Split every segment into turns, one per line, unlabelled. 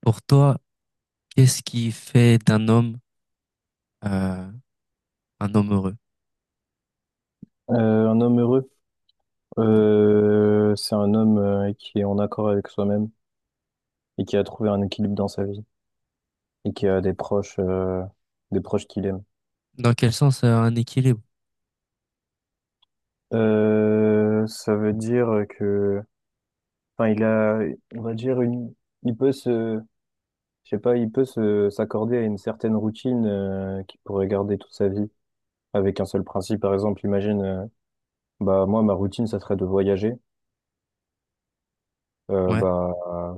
Pour toi, qu'est-ce qui fait d'un homme euh, un homme heureux?
Un homme heureux,
Ouais.
c'est un homme qui est en accord avec soi-même et qui a trouvé un équilibre dans sa vie et qui a
Ok.
des proches qu'il aime.
Dans quel sens un équilibre?
Ça veut dire que, enfin, il a, on va dire une, il peut se, je sais pas, il peut se s'accorder à une certaine routine qu'il pourrait garder toute sa vie avec un seul principe. Par exemple, imagine, bah moi, ma routine, ça serait de voyager. Euh,
Ouais,
bah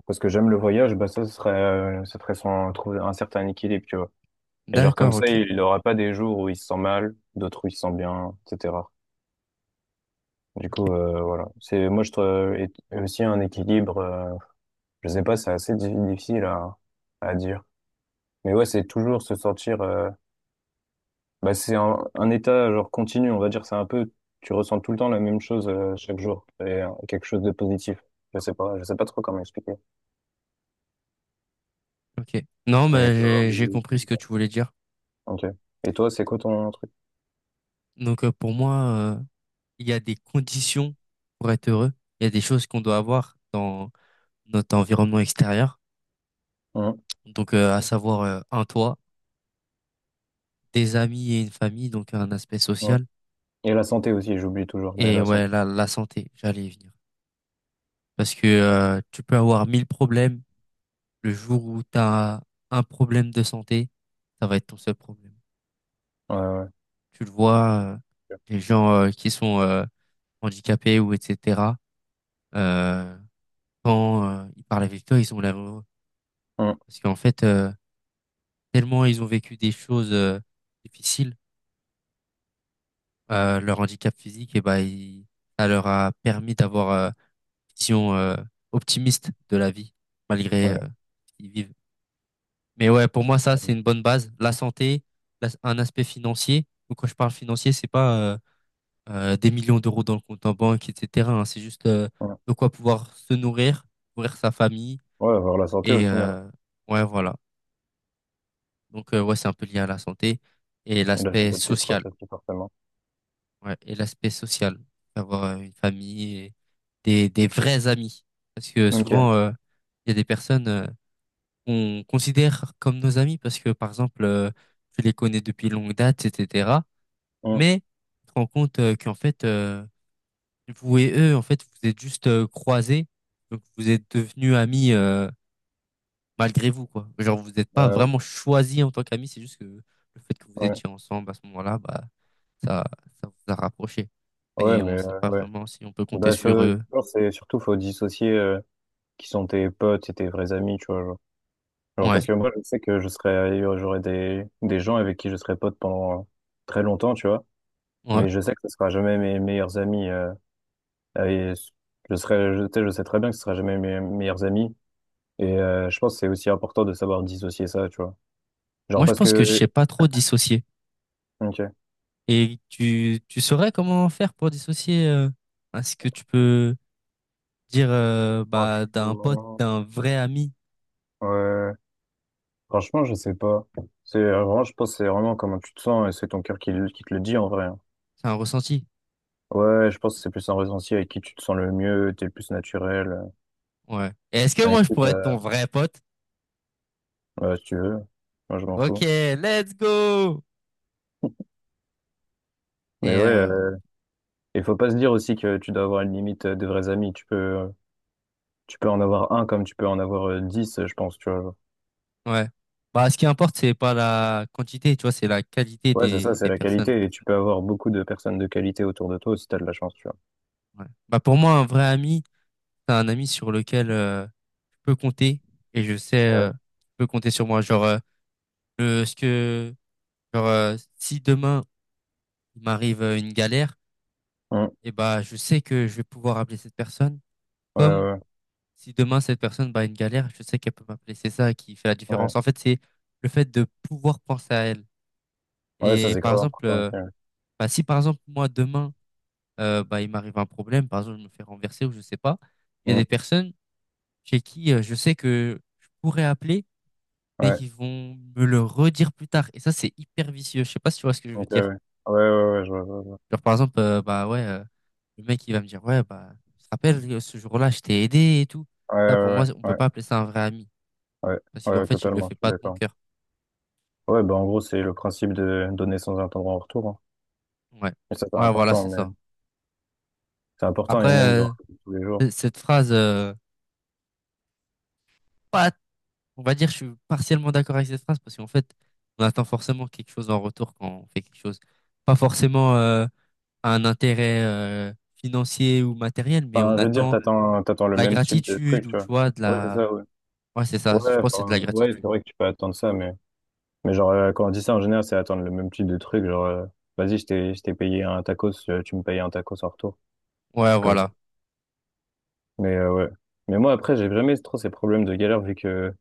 parce que j'aime le voyage, bah ça ce serait, ça serait sans trouver un certain équilibre, tu vois. Et genre comme
d'accord,
ça,
ok,
il n'aura pas des jours où il se sent mal, d'autres où il se sent bien, etc. Du
ok,
coup, voilà. C'est moi je trouve et aussi un équilibre. Je sais pas, c'est assez difficile à dire. Mais ouais, c'est toujours se sentir. Bah c'est un état genre continu, on va dire. C'est un peu, tu ressens tout le temps la même chose chaque jour et quelque chose de positif. Je sais pas trop comment expliquer.
ok. Non,
Mais il peut y avoir
mais j'ai compris ce que
ouais.
tu voulais dire.
Ok. Et toi, c'est quoi ton truc?
Pour moi, euh, il y a des conditions pour être heureux. Il y a des choses qu'on doit avoir dans notre environnement extérieur.
Hum,
À savoir un toit, des amis et une famille, donc un aspect
hum.
social.
Et la santé aussi, j'oublie toujours, mais
Et
la
ouais,
santé.
la santé, j'allais y venir. Parce que tu peux avoir mille problèmes. Le jour où tu as un problème de santé, ça va être ton seul problème.
Ouais, ouais.
Tu le vois, les gens qui sont handicapés ou etc., euh, quand ils parlent avec toi, ils sont malheureux.
Hum.
Parce qu'en fait, tellement ils ont vécu des choses difficiles, leur handicap physique, et ben, ça leur a permis d'avoir une vision optimiste de la vie, malgré
Ouais.
ce qu'ils vivent. Mais ouais, pour moi, ça, c'est
Ouais,
une bonne base. La santé, un aspect financier. Donc, quand je parle financier, c'est pas des millions d'euros dans le compte en banque, etc., hein. C'est juste
ouais,
de quoi pouvoir se nourrir, nourrir sa famille.
ouais, avoir la santé au
Et
final.
ouais, voilà. Donc, ouais, c'est un peu lié à la santé et
Hein. Et la
l'aspect
santé de tes
social.
proches aussi, forcément.
Ouais, et l'aspect social. Avoir une famille et des vrais amis. Parce que
Ok.
souvent, il y a des personnes, on considère comme nos amis parce que, par exemple, tu les connais depuis longue date, etc.
Mm.
Mais tu te rends compte qu'en fait, vous et eux, en fait, vous êtes juste croisés. Donc, vous êtes devenus amis malgré vous, quoi. Genre, vous n'êtes pas
Ouais,
vraiment choisis en tant qu'amis. C'est juste que le fait que vous
ouais.
étiez ensemble à ce moment-là, bah, ça, ça vous a rapproché.
Ouais,
Mais on
mais
ne sait pas
ouais.
vraiment si on peut compter
Bah, ça,
sur
je
eux.
pense que c'est surtout, faut dissocier qui sont tes potes et tes vrais amis, tu vois. Genre. Genre,
Ouais,
parce que moi, je sais que je serais, j'aurais des gens avec qui je serais pote pendant très longtemps, tu vois.
ouais.
Mais je sais que ce sera jamais mes meilleurs amis. Et je serais, je, tu sais, je sais très bien que ce sera jamais mes meilleurs amis. Et je pense que c'est aussi important de savoir dissocier ça, tu vois. Genre,
Moi, je
parce
pense que je
que,
sais pas trop dissocier.
ok.
Et tu saurais comment faire pour dissocier hein, ce que tu peux dire bah, d'un pote,
Franchement,
d'un vrai ami?
ouais. Franchement, je sais pas. C'est vraiment, je pense, que c'est vraiment comment tu te sens et c'est ton cœur qui, qui te le dit en vrai. Hein.
C'est un ressenti.
Ouais, je pense que c'est plus un ressenti avec qui tu te sens le mieux, t'es le plus naturel,
Ouais. Et est-ce que moi
avec
je
qui
pourrais être ton vrai pote?
ouais, si tu veux. Moi, je m'en
Ok,
fous.
let's go!
Mais
Et
ouais, il faut pas se dire aussi que tu dois avoir une limite des vrais amis. Tu peux en avoir un comme tu peux en avoir 10, je pense, tu vois.
ouais. Bah, ce qui importe, c'est pas la quantité, tu vois, c'est la qualité
Ouais, c'est ça, c'est
des
la
personnes.
qualité et tu peux avoir beaucoup de personnes de qualité autour de toi si t'as de la chance, tu vois.
Ouais. Bah, pour moi, un vrai ami, c'est un ami sur lequel je peux compter et je sais,
Ouais.
je peux compter sur moi. Genre, le, ce que, genre, si demain il m'arrive une galère,
Hum.
et bah je sais que je vais pouvoir appeler cette personne
Ouais,
comme
ouais,
si demain cette personne bah, a une galère, je sais qu'elle peut m'appeler. C'est ça qui fait la
ouais.
différence. En fait, c'est le fait de pouvoir penser à elle.
Ouais, ça,
Et
c'est
par
grave
exemple,
important aussi. Ouais.
bah, si par exemple moi demain bah, il m'arrive un problème, par exemple je me fais renverser ou je sais pas, il y a
Mmh.
des personnes chez qui je sais que je pourrais appeler mais
Ouais,
qui vont me le redire plus tard. Et ça, c'est hyper vicieux. Je sais pas si tu vois ce que je veux
ok, ouais.
dire.
Ouais, ouais, ouais, je vois, je vois, je vois.
Genre, par exemple, bah ouais, le mec, il va me dire, ouais, bah, tu te rappelles, ce jour-là, je t'ai aidé et tout.
Ouais,
Ça, pour moi,
ouais,
on peut
ouais,
pas appeler ça un vrai ami.
ouais, ouais,
Parce
ouais,
qu'en
ouais,
fait, il le
totalement,
fait
je suis
pas de bon
d'accord.
cœur.
Ouais, bah, en gros, c'est le principe de donner sans attendre en retour. Hein.
Ouais.
Et ça, c'est
Ouais, voilà,
important,
c'est
mais
ça.
c'est important,
Après,
et même dans tous les jours.
cette phrase, pas, on va dire, je suis partiellement d'accord avec cette phrase parce qu'en fait, on attend forcément quelque chose en retour quand on fait quelque chose. Pas forcément, un intérêt, financier ou matériel, mais
Enfin,
on
je veux dire,
attend de
t'attends, t'attends le
la
même type de
gratitude
truc,
ou,
tu
tu
vois.
vois,
Ouais, c'est ça, ouais.
ouais, c'est ça. Je
Ouais,
pense que c'est de
enfin,
la
ouais, c'est
gratitude.
vrai que tu peux attendre ça, mais genre, quand on dit ça, en général, c'est attendre le même type de truc, genre, vas-y, je t'ai payé un tacos, tu me payes un tacos en retour, un
Ouais,
truc comme ça.
voilà.
Mais ouais. Mais moi, après, j'ai jamais trop ces problèmes de galère vu que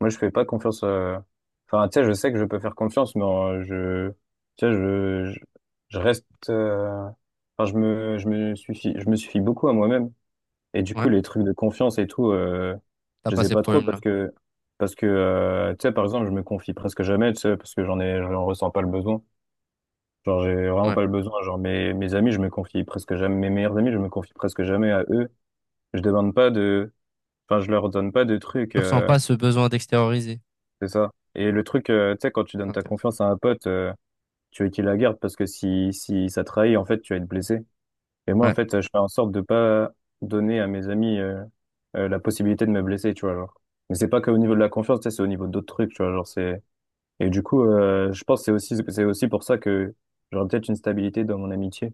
moi, je fais pas confiance à... Enfin, tu sais, je sais que je peux faire confiance, mais je... Tu sais, je... je reste... Enfin, je me suffis beaucoup à moi-même. Et du coup,
Ouais,
les trucs de confiance et tout,
t'as
je
pas
les ai
ces
pas trop parce
problèmes-là.
que... Parce que, tu sais, par exemple, je me confie presque jamais, tu sais, parce que j'en ai... j'en ressens pas le besoin. Genre, j'ai vraiment
Ouais.
pas le besoin. Genre, mes, mes amis, je me confie presque jamais... Mes meilleurs amis, je me confie presque jamais à eux. Je demande pas de Enfin, je leur donne pas de trucs,
Tu ressens pas ce besoin d'extérioriser.
c'est ça. Et le truc, tu sais, quand tu
C'est
donnes ta
intéressant.
confiance à un pote, tu veux qu'il la garde parce que si, si ça trahit, en fait, tu vas être blessé. Et moi, en
Ouais,
fait, je fais en sorte de pas donner à mes amis, la possibilité de me blesser, tu vois, genre. Mais c'est pas qu'au niveau de la confiance, tu sais, c'est au niveau d'autres trucs, tu vois, genre, c'est, et du coup, je pense que c'est aussi pour ça que j'aurais peut-être une stabilité dans mon amitié.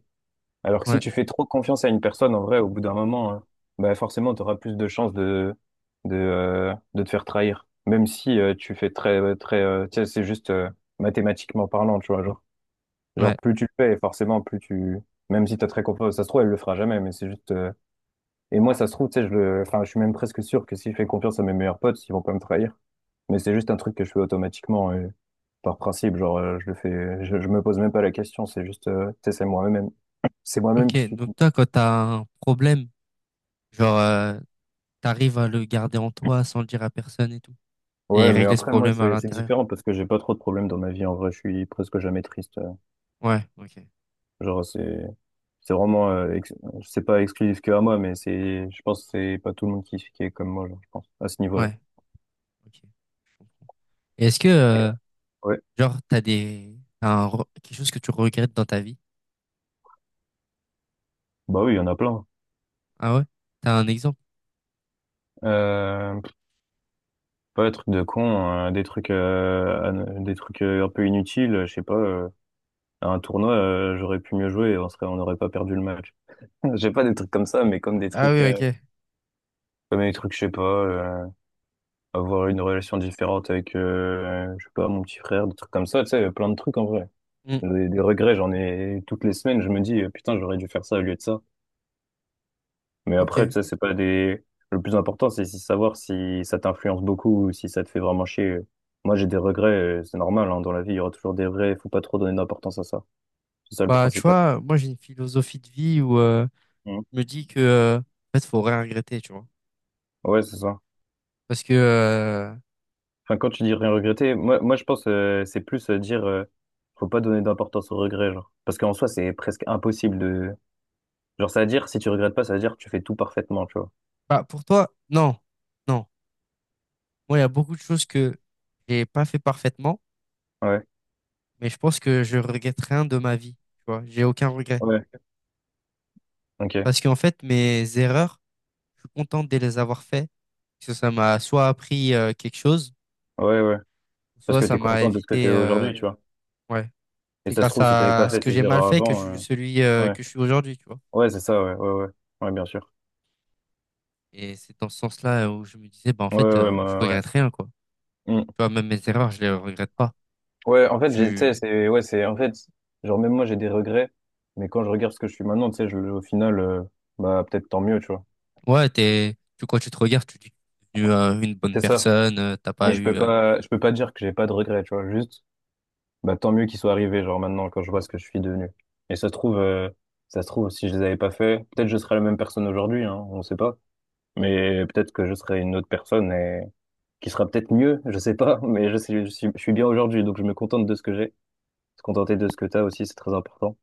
Alors que si
ouais,
tu fais trop confiance à une personne, en vrai, au bout d'un moment, hein, bah forcément, tu auras plus de chances de te faire trahir. Même si tu fais très, très, tu sais, c'est juste mathématiquement parlant, tu vois. Genre, genre,
ouais.
plus tu le fais, forcément, plus tu. Même si t'as très confiance, ça se trouve, elle le fera jamais, mais c'est juste. Et moi, ça se trouve, tu sais, je le... enfin, je suis même presque sûr que si je fais confiance à mes meilleurs potes, ils vont pas me trahir. Mais c'est juste un truc que je fais automatiquement, par principe. Genre, je le fais, je me pose même pas la question, c'est juste, tu sais, c'est moi-même
Ok,
qui suis.
donc toi, quand t'as un problème, genre, t'arrives à le garder en toi sans le dire à personne et tout. Et
Ouais, mais
régler ce
après, moi,
problème à
c'est
l'intérieur.
différent parce que j'ai pas trop de problèmes dans ma vie. En vrai, je suis presque jamais triste.
Ouais, ok.
Genre, c'est vraiment, c'est pas exclusif que à moi, mais c'est, je pense que c'est pas tout le monde qui est comme moi, genre, je pense, à ce niveau-là.
Ouais, ok. Je comprends. Et est-ce que,
Ouais.
genre, t'as des, t'as un re- quelque chose que tu regrettes dans ta vie?
Bah oui, il y en a plein.
Ah ouais? T'as un exemple?
Euh, pff, Pas des trucs de con, hein, des trucs, des trucs un peu inutiles. Je sais pas, à un tournoi, j'aurais pu mieux jouer, et on serait, on n'aurait pas perdu le match. J'ai pas des trucs comme ça, mais
Ah oui, ok.
comme des trucs, je sais pas. Avoir une relation différente avec, je sais pas, mon petit frère, des trucs comme ça, tu sais, plein de trucs en vrai.
Hmm,
Des regrets, j'en ai toutes les semaines, je me dis, putain, j'aurais dû faire ça au lieu de ça. Mais après,
ok.
tu sais, c'est pas des... Le plus important, c'est savoir si ça t'influence beaucoup ou si ça te fait vraiment chier. Moi, j'ai des regrets, c'est normal, hein, dans la vie, il y aura toujours des regrets, il faut pas trop donner d'importance à ça. C'est ça le
Bah, tu
principal.
vois, moi, j'ai une philosophie de vie où,
Mhm.
je me dis que, en fait, faut rien regretter, tu vois.
Ouais, c'est ça.
Parce que,
Enfin, quand tu dis rien regretter, moi je pense c'est plus dire faut pas donner d'importance aux regrets, genre. Parce qu'en soi, c'est presque impossible de Genre, ça veut dire, si tu regrettes pas, ça veut dire que tu fais tout parfaitement, tu vois.
bah, pour toi, non, non. Moi, il y a beaucoup de choses que j'ai pas fait parfaitement,
Ouais,
mais je pense que je regrette rien de ma vie. Tu vois, j'ai aucun regret.
Ouais, ok,
Parce qu'en fait, mes erreurs, je suis content de les avoir fait. Parce que ça m'a soit appris quelque chose,
ouais, ouais. Parce
soit
que t'es
ça m'a
content de ce que t'es
évité.
aujourd'hui, tu vois.
Ouais.
Et
C'est
ça se
grâce
trouve, si t'avais
à
pas
ce
fait
que
ces
j'ai mal
erreurs
fait que je
avant,
suis celui
ouais,
que je suis aujourd'hui, tu vois.
ouais, c'est ça, ouais, ouais, ouais, ouais, bien sûr.
Et c'est dans ce sens-là où je me disais, bah, en
Ouais,
fait,
ouais, ouais,
je
moi, ouais.
regrette rien, quoi. Tu
Hmm.
vois, même mes erreurs, je les regrette pas.
Ouais, en
Je
fait, j'ai, tu
suis
sais, c'est, ouais, c'est, en fait, genre, même moi, j'ai des regrets, mais quand je regarde ce que je suis maintenant, tu sais, je, au final, bah, peut-être tant mieux, tu vois.
Ouais, quand tu te regardes, tu dis que t'es devenu une bonne
C'est ça.
personne, t'as
Mais
pas eu,
je peux pas dire que j'ai pas de regrets, tu vois. Juste, Bah, tant mieux qu'ils soient arrivés, genre maintenant, quand je vois ce que je suis devenu. Et ça se trouve, si je les avais pas fait, peut-être je serais la même personne aujourd'hui, hein, on sait pas. Mais peut-être que je serais une autre personne et qui sera peut-être mieux, je sais pas. Mais je sais, je suis bien aujourd'hui, donc je me contente de ce que j'ai. Se contenter de ce que t'as aussi, c'est très important.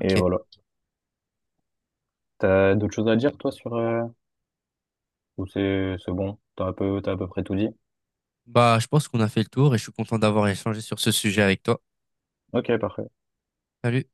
Et voilà. T'as d'autres choses à dire, toi, sur, ou c'est bon? T'as un peu, t'as à peu près tout dit?
Bah, je pense qu'on a fait le tour et je suis content d'avoir échangé sur ce sujet avec toi.
Ok, parfait.
Salut.